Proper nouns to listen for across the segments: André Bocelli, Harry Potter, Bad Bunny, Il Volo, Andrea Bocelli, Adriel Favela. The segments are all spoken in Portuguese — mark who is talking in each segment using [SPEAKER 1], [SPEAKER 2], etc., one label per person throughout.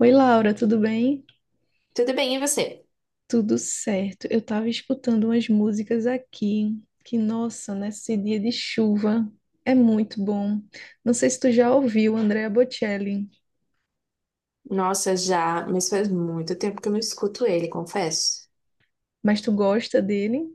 [SPEAKER 1] Oi, Laura, tudo bem?
[SPEAKER 2] Tudo bem, e você?
[SPEAKER 1] Tudo certo. Eu estava escutando umas músicas aqui, que, nossa, nesse dia de chuva é muito bom. Não sei se tu já ouviu Andrea Bocelli,
[SPEAKER 2] Nossa, já, mas faz muito tempo que eu não escuto ele, confesso.
[SPEAKER 1] mas tu gosta dele?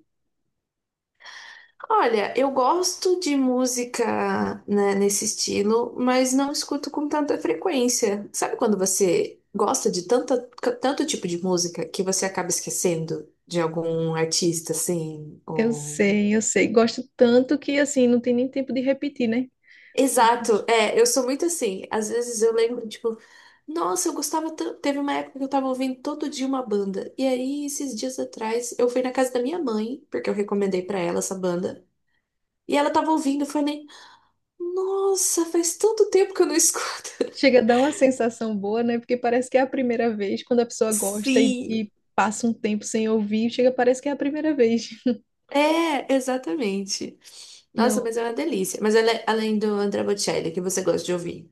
[SPEAKER 2] Olha, eu gosto de música, né, nesse estilo, mas não escuto com tanta frequência. Sabe quando você gosta de tanto tipo de música que você acaba esquecendo de algum artista, assim,
[SPEAKER 1] Eu
[SPEAKER 2] ou...
[SPEAKER 1] sei, eu sei. Gosto tanto que, assim, não tem nem tempo de repetir, né?
[SPEAKER 2] Exato, é, eu sou muito assim. Às vezes eu lembro, tipo, nossa, eu gostava tanto. Teve uma época que eu tava ouvindo todo dia uma banda. E aí, esses dias atrás, eu fui na casa da minha mãe, porque eu recomendei pra ela essa banda. E ela tava ouvindo, eu falei, nossa, faz tanto tempo que eu não escuto.
[SPEAKER 1] Chega a dar uma sensação boa, né? Porque parece que é a primeira vez quando a pessoa gosta e,
[SPEAKER 2] Sim.
[SPEAKER 1] e passa um tempo sem ouvir, chega, parece que é a primeira vez.
[SPEAKER 2] É, exatamente. Nossa,
[SPEAKER 1] Não.
[SPEAKER 2] mas é uma delícia. Mas além do André Bocelli, que você gosta de ouvir,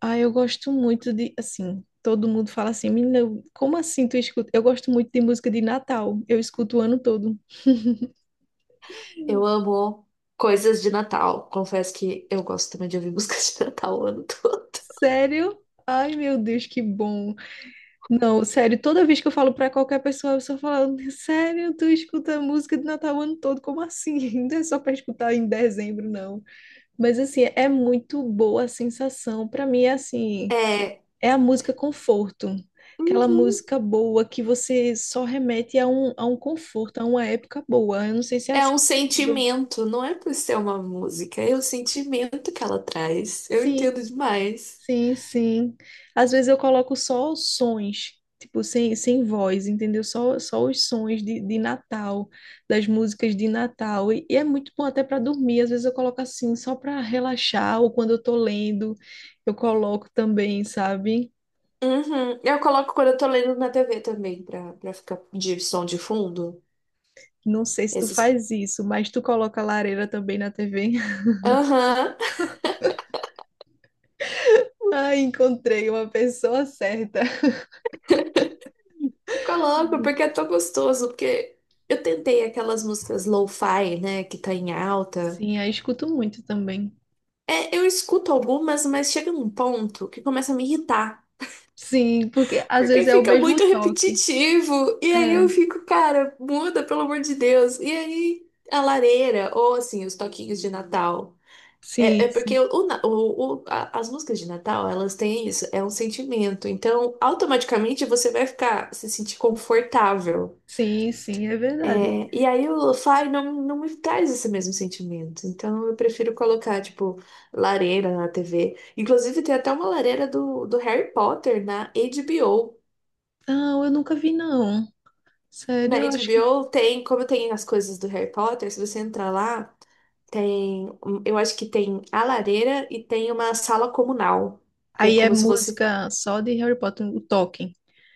[SPEAKER 1] Ah, eu gosto muito de, assim, todo mundo fala assim, menina, como assim tu escuta? Eu gosto muito de música de Natal, eu escuto o ano todo.
[SPEAKER 2] eu amo coisas de Natal. Confesso que eu gosto também de ouvir músicas de Natal o ano todo.
[SPEAKER 1] Sério? Ai, meu Deus, que bom. Não, sério, toda vez que eu falo pra qualquer pessoa, eu só falo, sério, tu escuta música de Natal o ano todo, como assim? Não é só pra escutar em dezembro, não. Mas, assim, é muito boa a sensação. Pra mim, é assim.
[SPEAKER 2] É,
[SPEAKER 1] É a música conforto, aquela
[SPEAKER 2] uhum.
[SPEAKER 1] música boa que você só remete a um conforto, a uma época boa. Eu não sei se é
[SPEAKER 2] É
[SPEAKER 1] assim
[SPEAKER 2] um
[SPEAKER 1] contigo.
[SPEAKER 2] sentimento, não é por ser uma música, é o sentimento que ela traz. Eu
[SPEAKER 1] Sim,
[SPEAKER 2] entendo demais.
[SPEAKER 1] sim. Às vezes eu coloco só os sons, tipo, sem voz, entendeu? Só os sons de Natal, das músicas de Natal. E é muito bom até para dormir. Às vezes eu coloco assim, só para relaxar, ou quando eu tô lendo, eu coloco também, sabe?
[SPEAKER 2] Uhum. Eu coloco quando eu tô lendo na TV também, pra ficar de som de fundo.
[SPEAKER 1] Não sei se tu
[SPEAKER 2] Esses.
[SPEAKER 1] faz isso, mas tu coloca a lareira também na TV.
[SPEAKER 2] Aham.
[SPEAKER 1] Ai, encontrei uma pessoa certa.
[SPEAKER 2] Eu coloco porque é tão gostoso, porque eu tentei aquelas músicas lo-fi, né, que tá em alta.
[SPEAKER 1] Sim, aí escuto muito também.
[SPEAKER 2] É, eu escuto algumas, mas chega num ponto que começa a me irritar.
[SPEAKER 1] Sim, porque às
[SPEAKER 2] Porque
[SPEAKER 1] vezes é o
[SPEAKER 2] fica
[SPEAKER 1] mesmo
[SPEAKER 2] muito
[SPEAKER 1] toque.
[SPEAKER 2] repetitivo. E aí eu
[SPEAKER 1] É,
[SPEAKER 2] fico, cara, muda, pelo amor de Deus. E aí a lareira, ou assim, os toquinhos de Natal. É, é
[SPEAKER 1] sim,
[SPEAKER 2] porque
[SPEAKER 1] sim.
[SPEAKER 2] o, na- o- a- as músicas de Natal, elas têm isso, é um sentimento. Então, automaticamente você vai ficar, se sentir confortável.
[SPEAKER 1] Sim, sim, é verdade.
[SPEAKER 2] É, e aí o lo-fi não me traz esse mesmo sentimento. Então, eu prefiro colocar, tipo, lareira na TV. Inclusive, tem até uma lareira do Harry Potter na HBO.
[SPEAKER 1] Não, eu nunca vi, não.
[SPEAKER 2] Na
[SPEAKER 1] Sério, eu acho que
[SPEAKER 2] HBO tem, como tem as coisas do Harry Potter, se você entrar lá, tem, eu acho que tem a lareira e tem uma sala comunal, que é
[SPEAKER 1] aí é
[SPEAKER 2] como se fosse.
[SPEAKER 1] música só de Harry Potter, o Tolkien.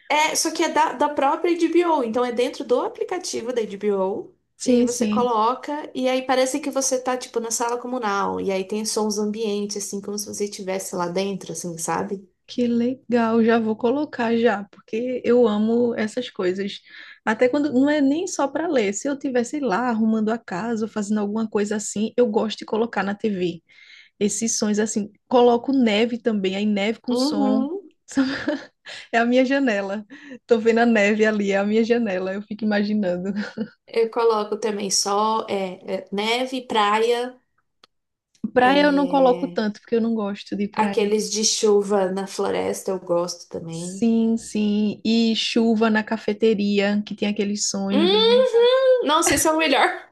[SPEAKER 2] É, só que é da própria HBO, então é dentro do aplicativo da HBO e
[SPEAKER 1] Sim,
[SPEAKER 2] você
[SPEAKER 1] sim.
[SPEAKER 2] coloca e aí parece que você tá tipo na sala comunal e aí tem sons ambientes assim como se você estivesse lá dentro, assim, sabe?
[SPEAKER 1] Que legal, já vou colocar já, porque eu amo essas coisas. Até quando não é nem só para ler. Se eu tivesse lá arrumando a casa, ou fazendo alguma coisa assim, eu gosto de colocar na TV esses sons assim. Coloco neve também, aí neve com som.
[SPEAKER 2] Uhum.
[SPEAKER 1] É a minha janela. Tô vendo a neve ali, é a minha janela. Eu fico imaginando.
[SPEAKER 2] Eu coloco também sol, neve, praia,
[SPEAKER 1] Praia eu não coloco
[SPEAKER 2] é,
[SPEAKER 1] tanto, porque eu não gosto de praia.
[SPEAKER 2] aqueles de chuva na floresta eu gosto também.
[SPEAKER 1] Sim, sim. E chuva na cafeteria, que tem aqueles sons bem legais.
[SPEAKER 2] Uhum. Nossa, esse é o melhor.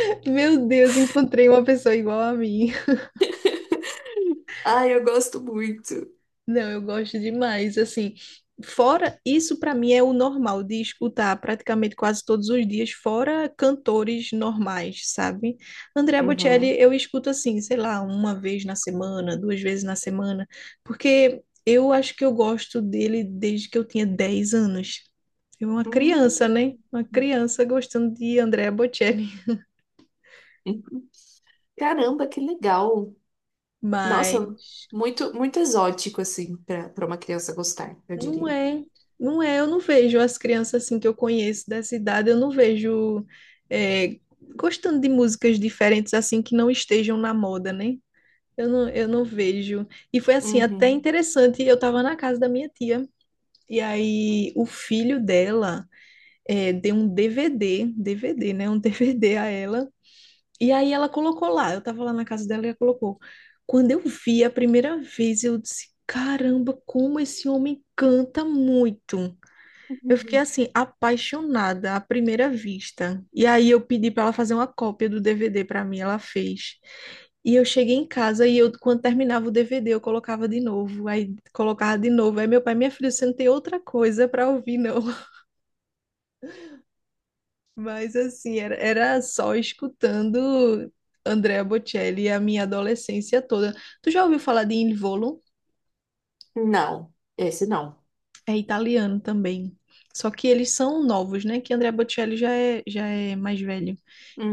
[SPEAKER 1] Meu Deus, encontrei uma pessoa igual a mim.
[SPEAKER 2] Ai, eu gosto muito.
[SPEAKER 1] Não, eu gosto demais. Assim, fora isso, para mim é o normal de escutar praticamente quase todos os dias, fora cantores normais, sabe? Andrea Bocelli
[SPEAKER 2] Uhum.
[SPEAKER 1] eu escuto assim, sei lá, 1 vez na semana, 2 vezes na semana, porque eu acho que eu gosto dele desde que eu tinha 10 anos. Eu era uma criança,
[SPEAKER 2] Hum.
[SPEAKER 1] né? Uma criança gostando de Andrea Bocelli.
[SPEAKER 2] Uhum. Caramba, que legal. Nossa,
[SPEAKER 1] Mas
[SPEAKER 2] muito exótico, assim, pra uma criança gostar, eu
[SPEAKER 1] Não
[SPEAKER 2] diria.
[SPEAKER 1] é, não é. Eu não vejo as crianças assim que eu conheço dessa idade, eu não vejo é, gostando de músicas diferentes assim que não estejam na moda, né? Eu não vejo. E foi assim, até
[SPEAKER 2] Uhum.
[SPEAKER 1] interessante. Eu estava na casa da minha tia, e aí o filho dela deu um DVD, né? Um DVD a ela. E aí ela colocou lá. Eu estava lá na casa dela e ela colocou. Quando eu vi a primeira vez, eu disse: Caramba, como esse homem canta muito. Eu fiquei
[SPEAKER 2] Uhum.
[SPEAKER 1] assim, apaixonada à primeira vista. E aí eu pedi para ela fazer uma cópia do DVD para mim, ela fez. E eu cheguei em casa e eu, quando terminava o DVD, eu colocava de novo, aí colocava de novo. Aí meu pai, minha filha, você não tem outra coisa para ouvir, não. Mas assim, era só escutando Andrea Bocelli a minha adolescência toda. Tu já ouviu falar de Il Volo?
[SPEAKER 2] Não, esse não.
[SPEAKER 1] É italiano também. Só que eles são novos, né? Que Andrea Bocelli já é mais velho.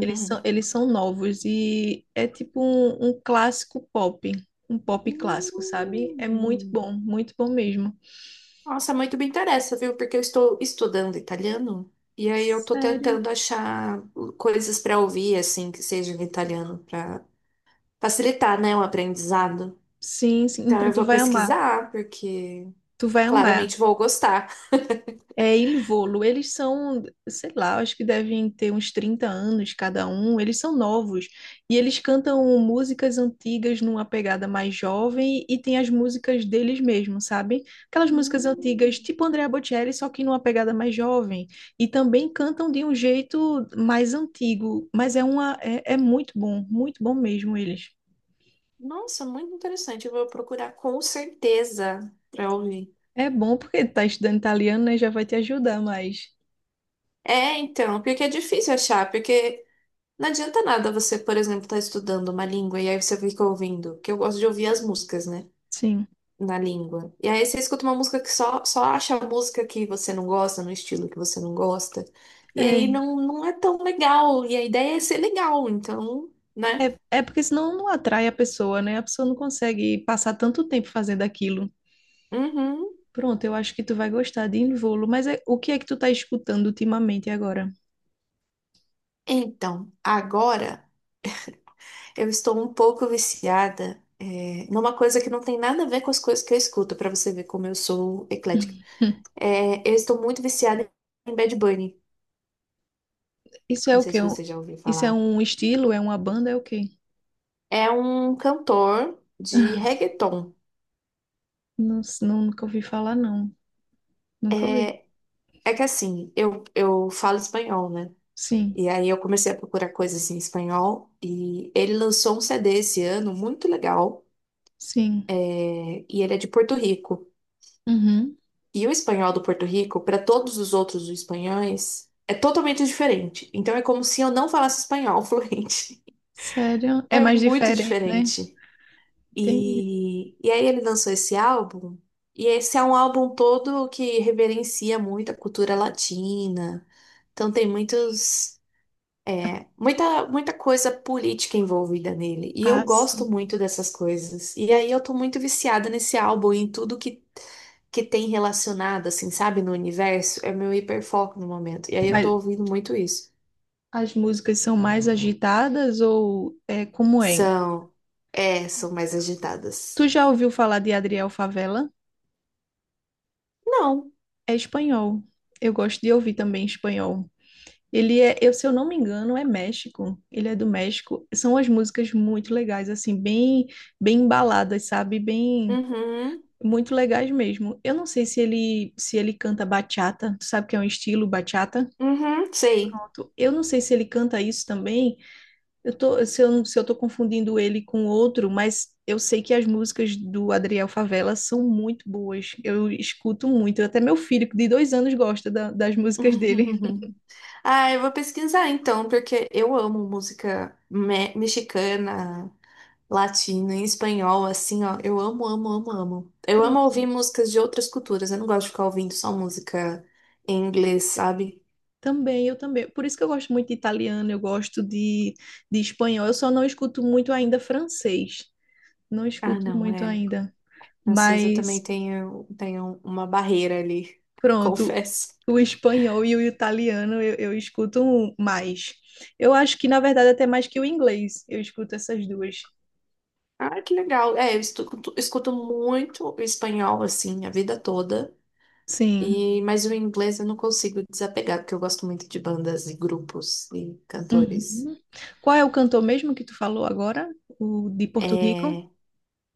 [SPEAKER 1] Eles são, eles são novos e é tipo um clássico pop, um pop clássico, sabe? É
[SPEAKER 2] Hum.
[SPEAKER 1] muito bom mesmo.
[SPEAKER 2] Nossa, muito me interessa, viu? Porque eu estou estudando italiano e aí eu estou
[SPEAKER 1] Sério?
[SPEAKER 2] tentando achar coisas para ouvir, assim, que sejam em italiano, para facilitar, né, o aprendizado.
[SPEAKER 1] Sim, sim.
[SPEAKER 2] Então
[SPEAKER 1] Então
[SPEAKER 2] eu
[SPEAKER 1] tu
[SPEAKER 2] vou
[SPEAKER 1] vai amar.
[SPEAKER 2] pesquisar, porque
[SPEAKER 1] Tu vai amar.
[SPEAKER 2] claramente vou gostar.
[SPEAKER 1] É, em Volo, eles são, sei lá, acho que devem ter uns 30 anos cada um, eles são novos. E eles cantam músicas antigas numa pegada mais jovem e tem as músicas deles mesmos, sabe? Aquelas músicas antigas,
[SPEAKER 2] Hum,
[SPEAKER 1] tipo Andrea Bocelli, só que numa pegada mais jovem. E também cantam de um jeito mais antigo, mas é uma, é, é muito bom mesmo eles.
[SPEAKER 2] nossa, muito interessante. Eu vou procurar com certeza para ouvir.
[SPEAKER 1] É bom porque tá estudando italiano, né? Já vai te ajudar mais.
[SPEAKER 2] É, então, porque é difícil achar, porque não adianta nada você, por exemplo, estar estudando uma língua e aí você fica ouvindo, que eu gosto de ouvir as músicas, né?
[SPEAKER 1] Sim,
[SPEAKER 2] Na língua. E aí você escuta uma música que só acha a música que você não gosta, no estilo que você não gosta. E
[SPEAKER 1] é.
[SPEAKER 2] aí não é tão legal. E a ideia é ser legal, então, né?
[SPEAKER 1] É porque senão não atrai a pessoa, né? A pessoa não consegue passar tanto tempo fazendo aquilo.
[SPEAKER 2] Uhum.
[SPEAKER 1] Pronto, eu acho que tu vai gostar de Involo, mas o que é que tu tá escutando ultimamente agora?
[SPEAKER 2] Então, agora eu estou um pouco viciada, é, numa coisa que não tem nada a ver com as coisas que eu escuto, pra você ver como eu sou eclética.
[SPEAKER 1] Hum.
[SPEAKER 2] É, eu estou muito viciada em Bad Bunny.
[SPEAKER 1] Isso é
[SPEAKER 2] Não
[SPEAKER 1] o
[SPEAKER 2] sei
[SPEAKER 1] quê?
[SPEAKER 2] se você já ouviu
[SPEAKER 1] Isso é
[SPEAKER 2] falar.
[SPEAKER 1] um estilo? É uma banda? É o quê?
[SPEAKER 2] É um cantor de reggaeton.
[SPEAKER 1] Não, nunca ouvi falar, não. Nunca ouvi.
[SPEAKER 2] É É que assim, eu falo espanhol, né?
[SPEAKER 1] Sim,
[SPEAKER 2] E aí eu comecei a procurar coisas em espanhol e ele lançou um CD esse ano muito legal,
[SPEAKER 1] sim.
[SPEAKER 2] é, e ele é de Porto Rico.
[SPEAKER 1] Uhum.
[SPEAKER 2] E o espanhol do Porto Rico, para todos os outros espanhóis, é totalmente diferente. Então é como se eu não falasse espanhol fluente.
[SPEAKER 1] Sério? É
[SPEAKER 2] É
[SPEAKER 1] mais
[SPEAKER 2] muito
[SPEAKER 1] diferente, né?
[SPEAKER 2] diferente.
[SPEAKER 1] Entendi.
[SPEAKER 2] E aí ele lançou esse álbum e esse é um álbum todo que reverencia muito a cultura latina. Então tem muitos, é, muita coisa política envolvida nele. E eu
[SPEAKER 1] Ah,
[SPEAKER 2] gosto
[SPEAKER 1] sim.
[SPEAKER 2] muito dessas coisas. E aí eu tô muito viciada nesse álbum e em tudo que tem relacionado, assim, sabe, no universo. É meu hiperfoco no momento. E aí eu
[SPEAKER 1] Mas
[SPEAKER 2] tô ouvindo muito isso.
[SPEAKER 1] as músicas são mais agitadas ou é como é?
[SPEAKER 2] São. É, são mais agitadas.
[SPEAKER 1] Tu já ouviu falar de Adriel Favela?
[SPEAKER 2] Não.
[SPEAKER 1] É espanhol. Eu gosto de ouvir também espanhol. Se eu não me engano, é México. Ele é do México. São as músicas muito legais, assim, bem, bem embaladas, sabe? Bem,
[SPEAKER 2] Uhum.
[SPEAKER 1] muito legais mesmo. Eu não sei se ele canta bachata. Tu sabe que é um estilo bachata?
[SPEAKER 2] Uhum, sei.
[SPEAKER 1] Pronto. Eu não sei se ele canta isso também. Eu tô, se eu, se eu tô confundindo ele com outro, mas eu sei que as músicas do Adriel Favela são muito boas. Eu escuto muito. Até meu filho, de 2 anos, gosta das músicas dele.
[SPEAKER 2] Ah, eu vou pesquisar então, porque eu amo música mexicana. Latina, em espanhol, assim, ó. Eu amo, amo, amo, amo. Eu amo
[SPEAKER 1] Pronto.
[SPEAKER 2] ouvir músicas de outras culturas. Eu não gosto de ficar ouvindo só música em inglês, sabe?
[SPEAKER 1] Também, eu também. Por isso que eu gosto muito de italiano, eu gosto de espanhol. Eu só não escuto muito ainda francês. Não
[SPEAKER 2] Ah,
[SPEAKER 1] escuto
[SPEAKER 2] não,
[SPEAKER 1] muito
[SPEAKER 2] é.
[SPEAKER 1] ainda.
[SPEAKER 2] Francês eu também
[SPEAKER 1] Mas,
[SPEAKER 2] tenho, tenho uma barreira ali,
[SPEAKER 1] pronto,
[SPEAKER 2] confesso.
[SPEAKER 1] o espanhol e o italiano eu escuto mais. Eu acho que, na verdade, até mais que o inglês. Eu escuto essas duas.
[SPEAKER 2] Ah, que legal. É, escuto muito espanhol, assim, a vida toda.
[SPEAKER 1] Sim.
[SPEAKER 2] E, mas o inglês eu não consigo desapegar, porque eu gosto muito de bandas e grupos e cantores.
[SPEAKER 1] Uhum. Qual é o cantor mesmo que tu falou agora? O de Porto Rico?
[SPEAKER 2] É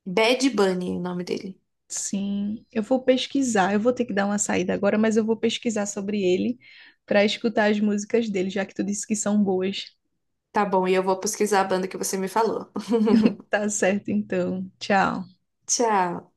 [SPEAKER 2] Bad Bunny, o nome dele.
[SPEAKER 1] Sim, eu vou pesquisar. Eu vou ter que dar uma saída agora, mas eu vou pesquisar sobre ele para escutar as músicas dele, já que tu disse que são boas.
[SPEAKER 2] Tá bom, e eu vou pesquisar a banda que você me falou.
[SPEAKER 1] Tá certo, então. Tchau.
[SPEAKER 2] Tchau.